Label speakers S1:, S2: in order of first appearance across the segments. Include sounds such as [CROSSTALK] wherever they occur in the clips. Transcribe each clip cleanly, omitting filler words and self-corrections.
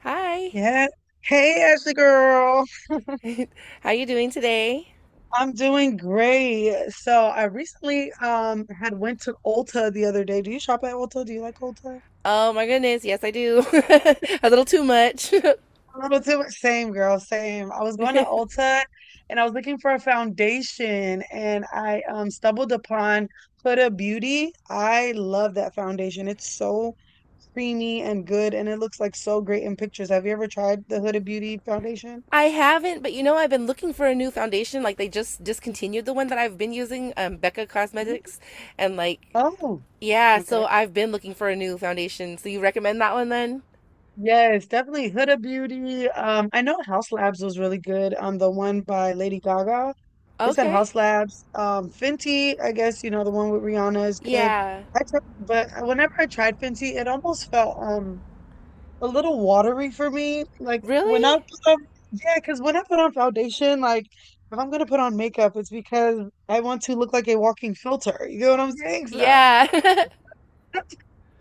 S1: Hi.
S2: Yeah. Hey, Ashley girl.
S1: How you doing today?
S2: I'm doing great. So I recently had went to Ulta the other day. Do you shop at Ulta? Do you like Ulta?
S1: Oh my goodness, yes I do. [LAUGHS] A little too much.
S2: A little too much. Same girl, same. I was going to Ulta and I was looking for a foundation and I stumbled upon Huda Beauty. I love that foundation. It's so creamy and good and it looks like so great in pictures. Have you ever tried the Huda Beauty foundation?
S1: [LAUGHS] I haven't, but you know I've been looking for a new foundation. Like they just discontinued the one that I've been using, Becca
S2: Mm.
S1: Cosmetics, and like
S2: Oh,
S1: yeah,
S2: okay.
S1: so I've been looking for a new foundation. So you recommend that one then?
S2: Yes, definitely Huda Beauty. I know House Labs was really good. The one by Lady Gaga. It's at
S1: Okay.
S2: House Labs. Fenty, I guess, you know, the one with Rihanna is good.
S1: Yeah.
S2: I tr But whenever I tried Fenty, it almost felt a little watery for me. Like when I
S1: Really?
S2: put on, yeah, because when I put on foundation, like if I'm gonna put on makeup, it's because I want to look like a walking filter. You know what I'm saying? So
S1: Yeah. [LAUGHS]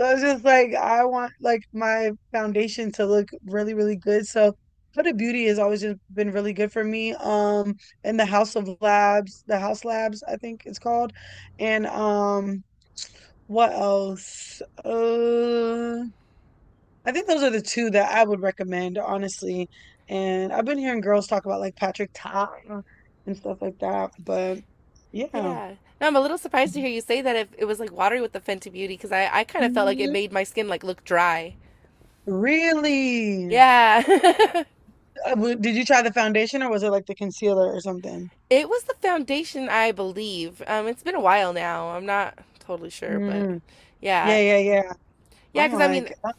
S2: so it's just like I want like my foundation to look really, really good. So Huda Beauty has always just been really good for me. And the House Labs, I think it's called. And what else? I think those are the two that I would recommend, honestly. And I've been hearing girls talk about like Patrick Ta and stuff like that, but yeah.
S1: Yeah. No, I'm a little surprised to hear you say that if it was like watery with the Fenty Beauty because I kind of felt like it
S2: Mhm.
S1: made my skin like look dry.
S2: Really?
S1: Yeah. [LAUGHS]
S2: Did you try the foundation or was it like the concealer or something?
S1: It was the foundation, I believe. It's been a while now. I'm not totally sure, but
S2: Mm,
S1: yeah,
S2: yeah, yeah, yeah.
S1: yeah.
S2: I'm
S1: Because I mean,
S2: like,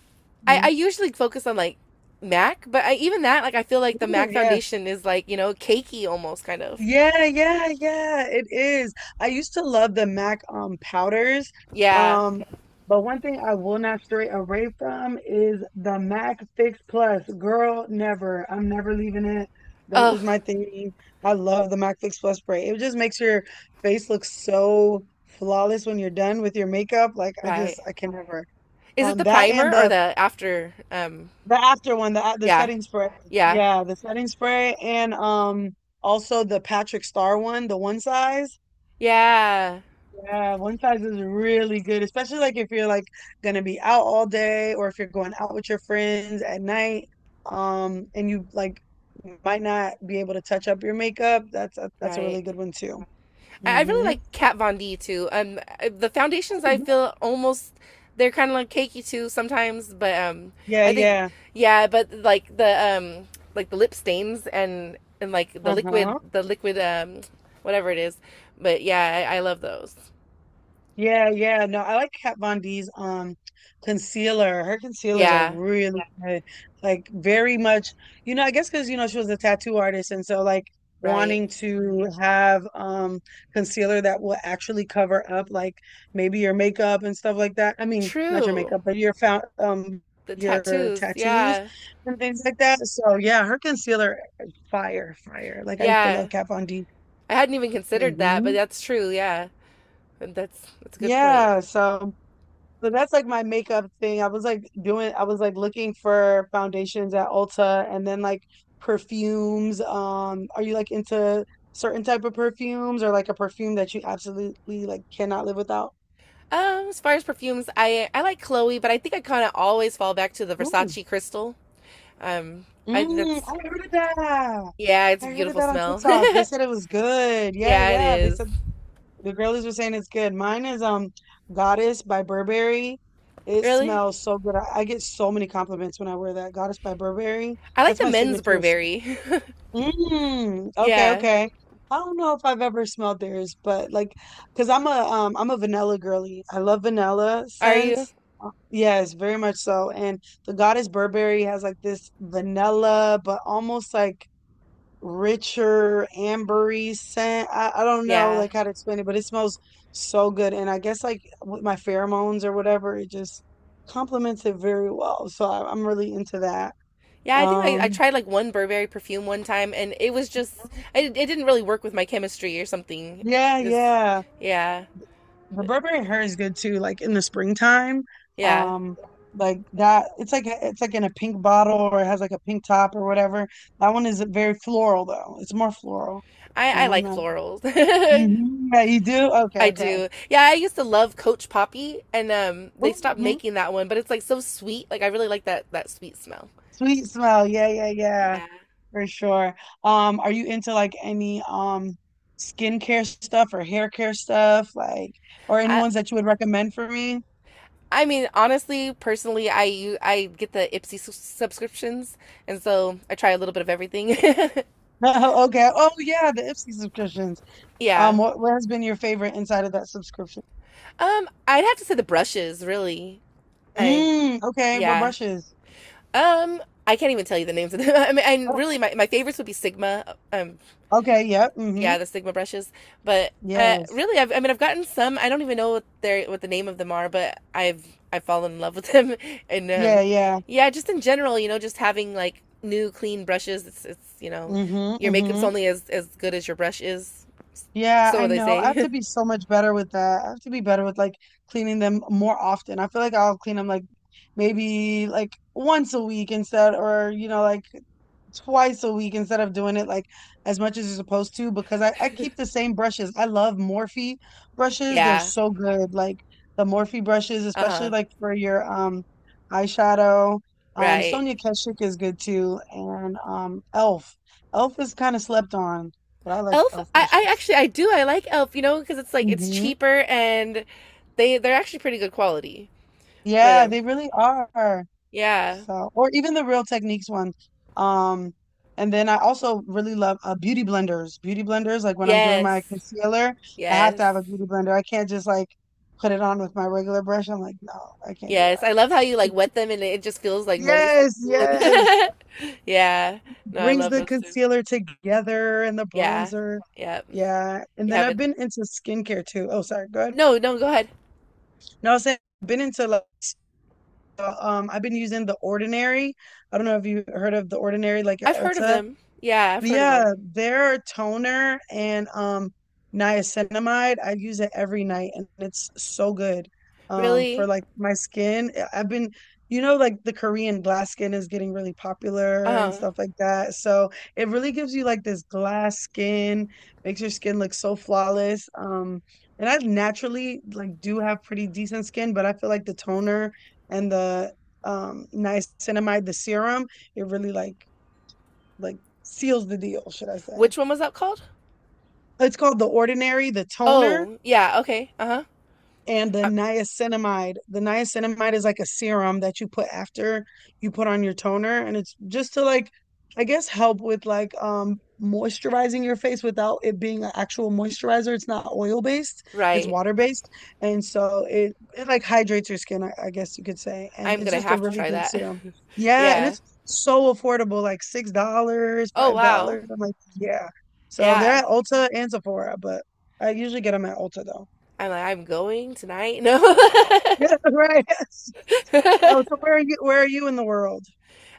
S1: I
S2: mm,
S1: usually focus on like Mac, but I, even that, like, I feel like the
S2: ooh,
S1: Mac
S2: yeah.
S1: foundation is like you know cakey almost kind of.
S2: Yeah, yeah, yeah, it is. I used to love the MAC powders.
S1: Yeah.
S2: Um, but one thing I will not stray away from is the MAC Fix Plus. Girl, never. I'm never leaving it. That
S1: Oh,
S2: is my thing. I love the MAC Fix Plus spray. It just makes your face look so flawless when you're done with your makeup.
S1: right.
S2: I can never.
S1: Is it the
S2: That and
S1: primer or
S2: the
S1: the after?
S2: The after one, the
S1: Yeah.
S2: setting spray.
S1: Yeah.
S2: Yeah, the setting spray and also the Patrick Star one, the one size.
S1: Yeah.
S2: Yeah, one size is really good, especially like if you're like gonna be out all day or if you're going out with your friends at night, and you like might not be able to touch up your makeup. That's a
S1: Right.
S2: really good one too.
S1: I really
S2: Mm-hmm.
S1: like Kat Von D too. The foundations I feel almost they're kind of like cakey too sometimes, but
S2: Yeah,
S1: I think
S2: yeah.
S1: yeah, but um, like the lip stains and like
S2: Uh-huh.
S1: the liquid whatever it is. But yeah, I love those.
S2: Yeah, yeah. No, I like Kat Von D's concealer. Her concealers are
S1: Yeah,
S2: really good. Like very much, you know, I guess because you know she was a tattoo artist and so like
S1: right.
S2: wanting to have concealer that will actually cover up like maybe your makeup and stuff like that. I mean, not your
S1: True.
S2: makeup, but your found
S1: The
S2: your
S1: tattoos.
S2: tattoos
S1: Yeah,
S2: and things like that. So yeah, her concealer fire, fire. Like I used to love
S1: yeah.
S2: Kat Von D.
S1: I hadn't even considered that, but
S2: Hmm.
S1: that's true. Yeah, that's a good point.
S2: Yeah, so that's like my makeup thing. I was like looking for foundations at Ulta and then like perfumes. Are you like into certain type of perfumes or like a perfume that you absolutely like cannot live without?
S1: As far as perfumes, I like Chloe, but I think I kind of always fall back to the
S2: Ooh.
S1: Versace Crystal. Um, I think
S2: Mm, I
S1: that's
S2: heard of that.
S1: yeah, it's
S2: I
S1: a
S2: heard of
S1: beautiful
S2: that on
S1: smell.
S2: TikTok. They said it was good.
S1: [LAUGHS]
S2: Yeah,
S1: Yeah, it
S2: yeah. They
S1: is.
S2: said the girlies were saying it's good. Mine is Goddess by Burberry. It
S1: Really,
S2: smells so good. I get so many compliments when I wear that. Goddess by Burberry.
S1: I like
S2: That's
S1: the
S2: my
S1: men's
S2: signature.
S1: Burberry.
S2: Mm,
S1: [LAUGHS]
S2: okay,
S1: Yeah,
S2: okay. I don't know if I've ever smelled theirs, but like, cause I'm a vanilla girly. I love vanilla
S1: are you?
S2: scents. Yes, very much so. And the Goddess Burberry has like this vanilla, but almost like richer ambery scent. I don't know
S1: Yeah,
S2: like how to explain it, but it smells so good. And I guess like with my pheromones or whatever, it just complements it very well. So I'm really into that.
S1: yeah. I think like I
S2: Um,
S1: tried like one Burberry perfume one time, and it was just I, it didn't really work with my chemistry or something.
S2: yeah,
S1: It was
S2: yeah.
S1: yeah,
S2: The
S1: but,
S2: Burberry hair is good too, like in the springtime.
S1: yeah.
S2: Um, like that it's like in a pink bottle or it has like a pink top or whatever. That one is very floral though. It's more floral.
S1: I
S2: And I'm
S1: like
S2: not
S1: florals. [LAUGHS]
S2: Mhm. Yeah, you do? Okay,
S1: I
S2: okay.
S1: do. Yeah, I used to love Coach Poppy, and they stopped
S2: Hmm.
S1: making that one, but it's like so sweet. Like I really like that sweet smell.
S2: Sweet smell. Yeah, yeah, yeah.
S1: Yeah.
S2: For sure. Are you into like any skincare stuff or hair care stuff, like or any
S1: I
S2: ones that you would recommend for me? [LAUGHS]
S1: I mean, honestly, personally, I I get the Ipsy subscriptions, and so I try a little bit of everything.
S2: No, okay. Oh yeah, the Ipsy subscriptions.
S1: [LAUGHS] Yeah.
S2: What has been your favorite inside of that subscription?
S1: I'd have to say the brushes, really. I
S2: Mm, okay, what
S1: yeah.
S2: brushes?
S1: Um, I can't even tell you the names of them. [LAUGHS] I mean, and
S2: Oh,
S1: really, my favorites would be Sigma,
S2: okay, yep. Mm-hmm.
S1: yeah, the Sigma brushes. But
S2: Yes.
S1: really, I mean, I've gotten some. I don't even know what they what the name of them are, but I've fallen in love with them. [LAUGHS] And
S2: Yeah, yeah.
S1: yeah, just in general, you know, just having like new clean brushes. It's you know,
S2: Mm-hmm.
S1: your makeup's
S2: Mm-hmm.
S1: only as good as your brush is.
S2: Yeah, I
S1: So they
S2: know. I have
S1: say.
S2: to
S1: [LAUGHS]
S2: be so much better with that. I have to be better with like cleaning them more often. I feel like I'll clean them like maybe like once a week instead, or you know, like twice a week instead of doing it like as much as you're supposed to because I keep the same brushes. I love Morphe brushes. They're
S1: Yeah.
S2: so good. Like the Morphe brushes, especially
S1: Uh-huh.
S2: like for your eyeshadow.
S1: Right.
S2: Sonia Keshik is good too. And Elf. Elf is kind of slept on, but I like
S1: Elf.
S2: Elf
S1: I
S2: brushes.
S1: actually I do I like Elf. You know, because it's like it's
S2: Hmm.
S1: cheaper and they're actually pretty good quality. But
S2: Yeah, they really are.
S1: yeah.
S2: So, or even the Real Techniques one. Um, and then I also really love beauty blenders. Beauty blenders, like when I'm doing my
S1: Yes.
S2: concealer, I have to
S1: Yes.
S2: have a beauty blender. I can't just like put it on with my regular brush. I'm like, no, I can't do
S1: Yes,
S2: that.
S1: I love how you like wet them and it just feels like moist and
S2: Yes,
S1: cool.
S2: yes.
S1: [LAUGHS] Yeah. No, I
S2: Brings
S1: love
S2: the
S1: those too.
S2: concealer together and the
S1: Yeah.
S2: bronzer.
S1: Yep.
S2: Yeah. And
S1: You
S2: then I've
S1: haven't.
S2: been into skincare too. Oh, sorry. Go ahead.
S1: No, no, go ahead.
S2: No, I was saying I've been into I've been using The Ordinary. I don't know if you heard of The Ordinary like at
S1: I've heard of
S2: Ulta.
S1: them. Yeah, I've heard of them.
S2: Yeah, their toner and niacinamide, I use it every night and it's so good. For
S1: Really?
S2: like my skin, I've been you know like the Korean glass skin is getting really popular and
S1: Uh-huh.
S2: stuff like that. So it really gives you like this glass skin, makes your skin look so flawless. And I naturally like do have pretty decent skin, but I feel like the toner and the niacinamide, the serum, it really like seals the deal, should I say.
S1: Which one was that called?
S2: It's called The Ordinary, the toner
S1: Oh, yeah, okay. Uh-huh.
S2: and the
S1: Uh,
S2: niacinamide. The niacinamide is like a serum that you put after you put on your toner, and it's just to like, I guess, help with like moisturizing your face without it being an actual moisturizer. It's not oil based; it's
S1: right.
S2: water based, and so it like hydrates your skin, I guess you could say. And
S1: I'm
S2: it's
S1: gonna
S2: just a
S1: have to
S2: really
S1: try
S2: good
S1: that.
S2: serum.
S1: [LAUGHS]
S2: Yeah, and
S1: Yeah.
S2: it's so affordable, like $6,
S1: Oh,
S2: five
S1: wow.
S2: dollars. I'm like, yeah. So they're
S1: Yeah.
S2: at Ulta and Sephora, but I usually get them at Ulta though.
S1: I'm like, I'm going tonight. No.
S2: Yeah, [LAUGHS] right. Yes. Oh, so
S1: [LAUGHS]
S2: where are you? Where are you in the world?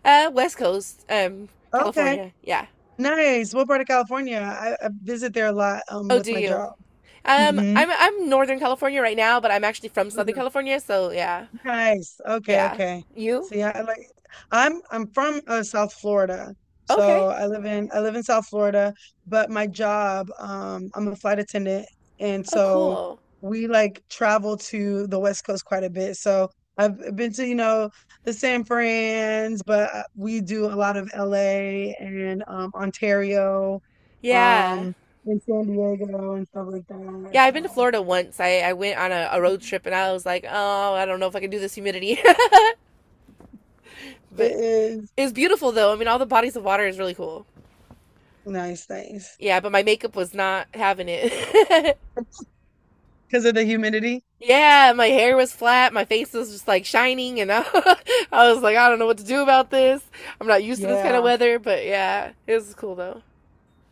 S1: West Coast,
S2: Okay,
S1: California. Yeah.
S2: nice. What part of California? I visit there a lot
S1: Oh,
S2: with
S1: do
S2: my
S1: you?
S2: job. Mm-hmm.
S1: I'm Northern California right now, but I'm actually from Southern California, so yeah,
S2: Nice. Okay,
S1: yeah.
S2: okay.
S1: You?
S2: See, I like I'm from South Florida.
S1: Okay.
S2: So I live in South Florida, but my job, I'm a flight attendant, and
S1: Oh,
S2: so
S1: cool.
S2: we like travel to the West Coast quite a bit. So I've been to, you know, the San Fran's, but we do a lot of LA and Ontario,
S1: Yeah,
S2: um, and San Diego and stuff like that.
S1: yeah. I've been to
S2: So
S1: Florida once. I went on a road trip, and I was like, oh, I don't know if I can do this humidity, [LAUGHS]
S2: it
S1: but
S2: is
S1: it's beautiful though. I mean, all the bodies of water is really cool.
S2: nice, nice.
S1: Yeah, but my makeup was not having it. [LAUGHS]
S2: Because of the humidity.
S1: Yeah, my hair was flat, my face was just like shining, and I, [LAUGHS] I was like, I don't know what to do about this. I'm not used to this kind of
S2: Yeah,
S1: weather, but yeah, it was cool though.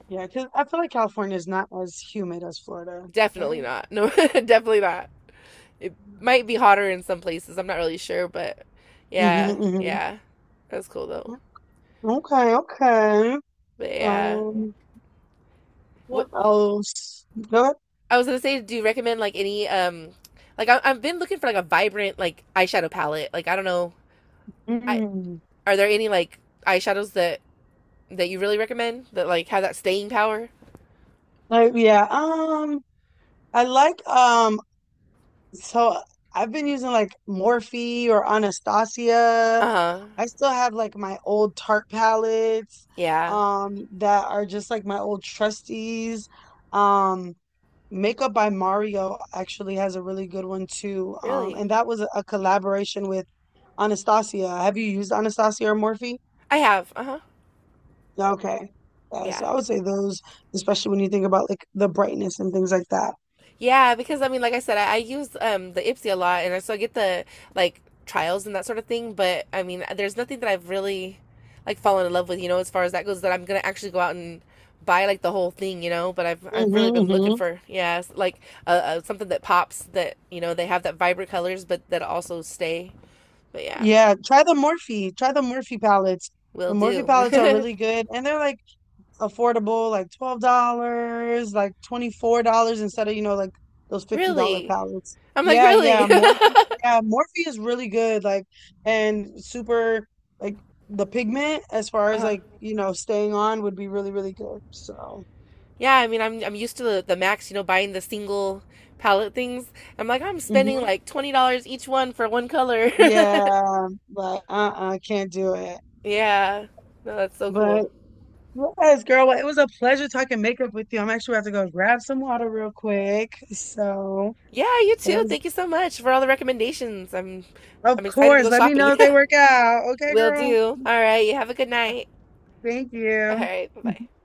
S2: yeah. Because I feel like California is not as humid as Florida,
S1: Definitely
S2: right?
S1: not. No, [LAUGHS] definitely not. It might be hotter in some places. I'm not really sure, but yeah,
S2: Mm-hmm.
S1: yeah. That's cool
S2: Hmm.
S1: though.
S2: Okay, okay.
S1: But yeah,
S2: Um,
S1: what
S2: what else? Go ahead.
S1: I was gonna say, do you recommend like any like I, I've been looking for like a vibrant like eyeshadow palette. Like I don't know, I
S2: Mm.
S1: are there any like eyeshadows that that you really recommend that like have that staying power?
S2: Like, yeah. I like um. So I've been using like Morphe or
S1: Uh
S2: Anastasia.
S1: huh.
S2: I still have like my old Tarte palettes,
S1: Yeah.
S2: that are just like my old trustees. Um, Makeup by Mario actually has a really good one too.
S1: Really.
S2: And that was a collaboration with Anastasia. Have you used Anastasia or Morphe?
S1: I have. Uh huh.
S2: Yeah, okay. Yeah, so
S1: Yeah.
S2: I would say those, especially when you think about like the brightness and things like that.
S1: Yeah, because I mean, like I said, I use the Ipsy a lot, and so I get the like trials and that sort of thing. But I mean, there's nothing that I've really like fallen in love with, you know, as far as that goes. That I'm gonna actually go out and buy like the whole thing, you know. But I've really
S2: Mm-hmm.
S1: been looking
S2: Hmm.
S1: for yeah, like something that pops that you know they have that vibrant colors, but that also stay. But yeah,
S2: Yeah, try the Morphe. Try the Morphe palettes.
S1: will
S2: The Morphe
S1: do.
S2: palettes are
S1: [LAUGHS]
S2: really good, and they're like affordable, like $12, like $24 instead of you know like those $50
S1: Really,
S2: palettes.
S1: I'm like
S2: Yeah, yeah,
S1: really.
S2: Morphe.
S1: [LAUGHS]
S2: Yeah, Morphe is really good. Like and super like The pigment as far as
S1: Uh-huh.
S2: like you know staying on would be really really good. So.
S1: Yeah, I mean, I'm used to the Max, you know, buying the single palette things. I'm like, I'm spending
S2: Hmm.
S1: like $20 each one for one color. [LAUGHS]
S2: Yeah, like uh-uh, can't do it.
S1: Yeah, no, that's so
S2: But
S1: cool.
S2: yes, girl, well, it was a pleasure talking makeup with you. I'm actually about to go grab some water real quick. So,
S1: Yeah, you
S2: but it
S1: too.
S2: was
S1: Thank you so much for all the recommendations.
S2: Of
S1: I'm excited to
S2: course.
S1: go
S2: Let me
S1: shopping.
S2: know if they work out.
S1: [LAUGHS]
S2: Okay,
S1: Will
S2: girl.
S1: do. All right, you have a good night.
S2: Thank
S1: All
S2: you.
S1: right, bye bye.
S2: [LAUGHS]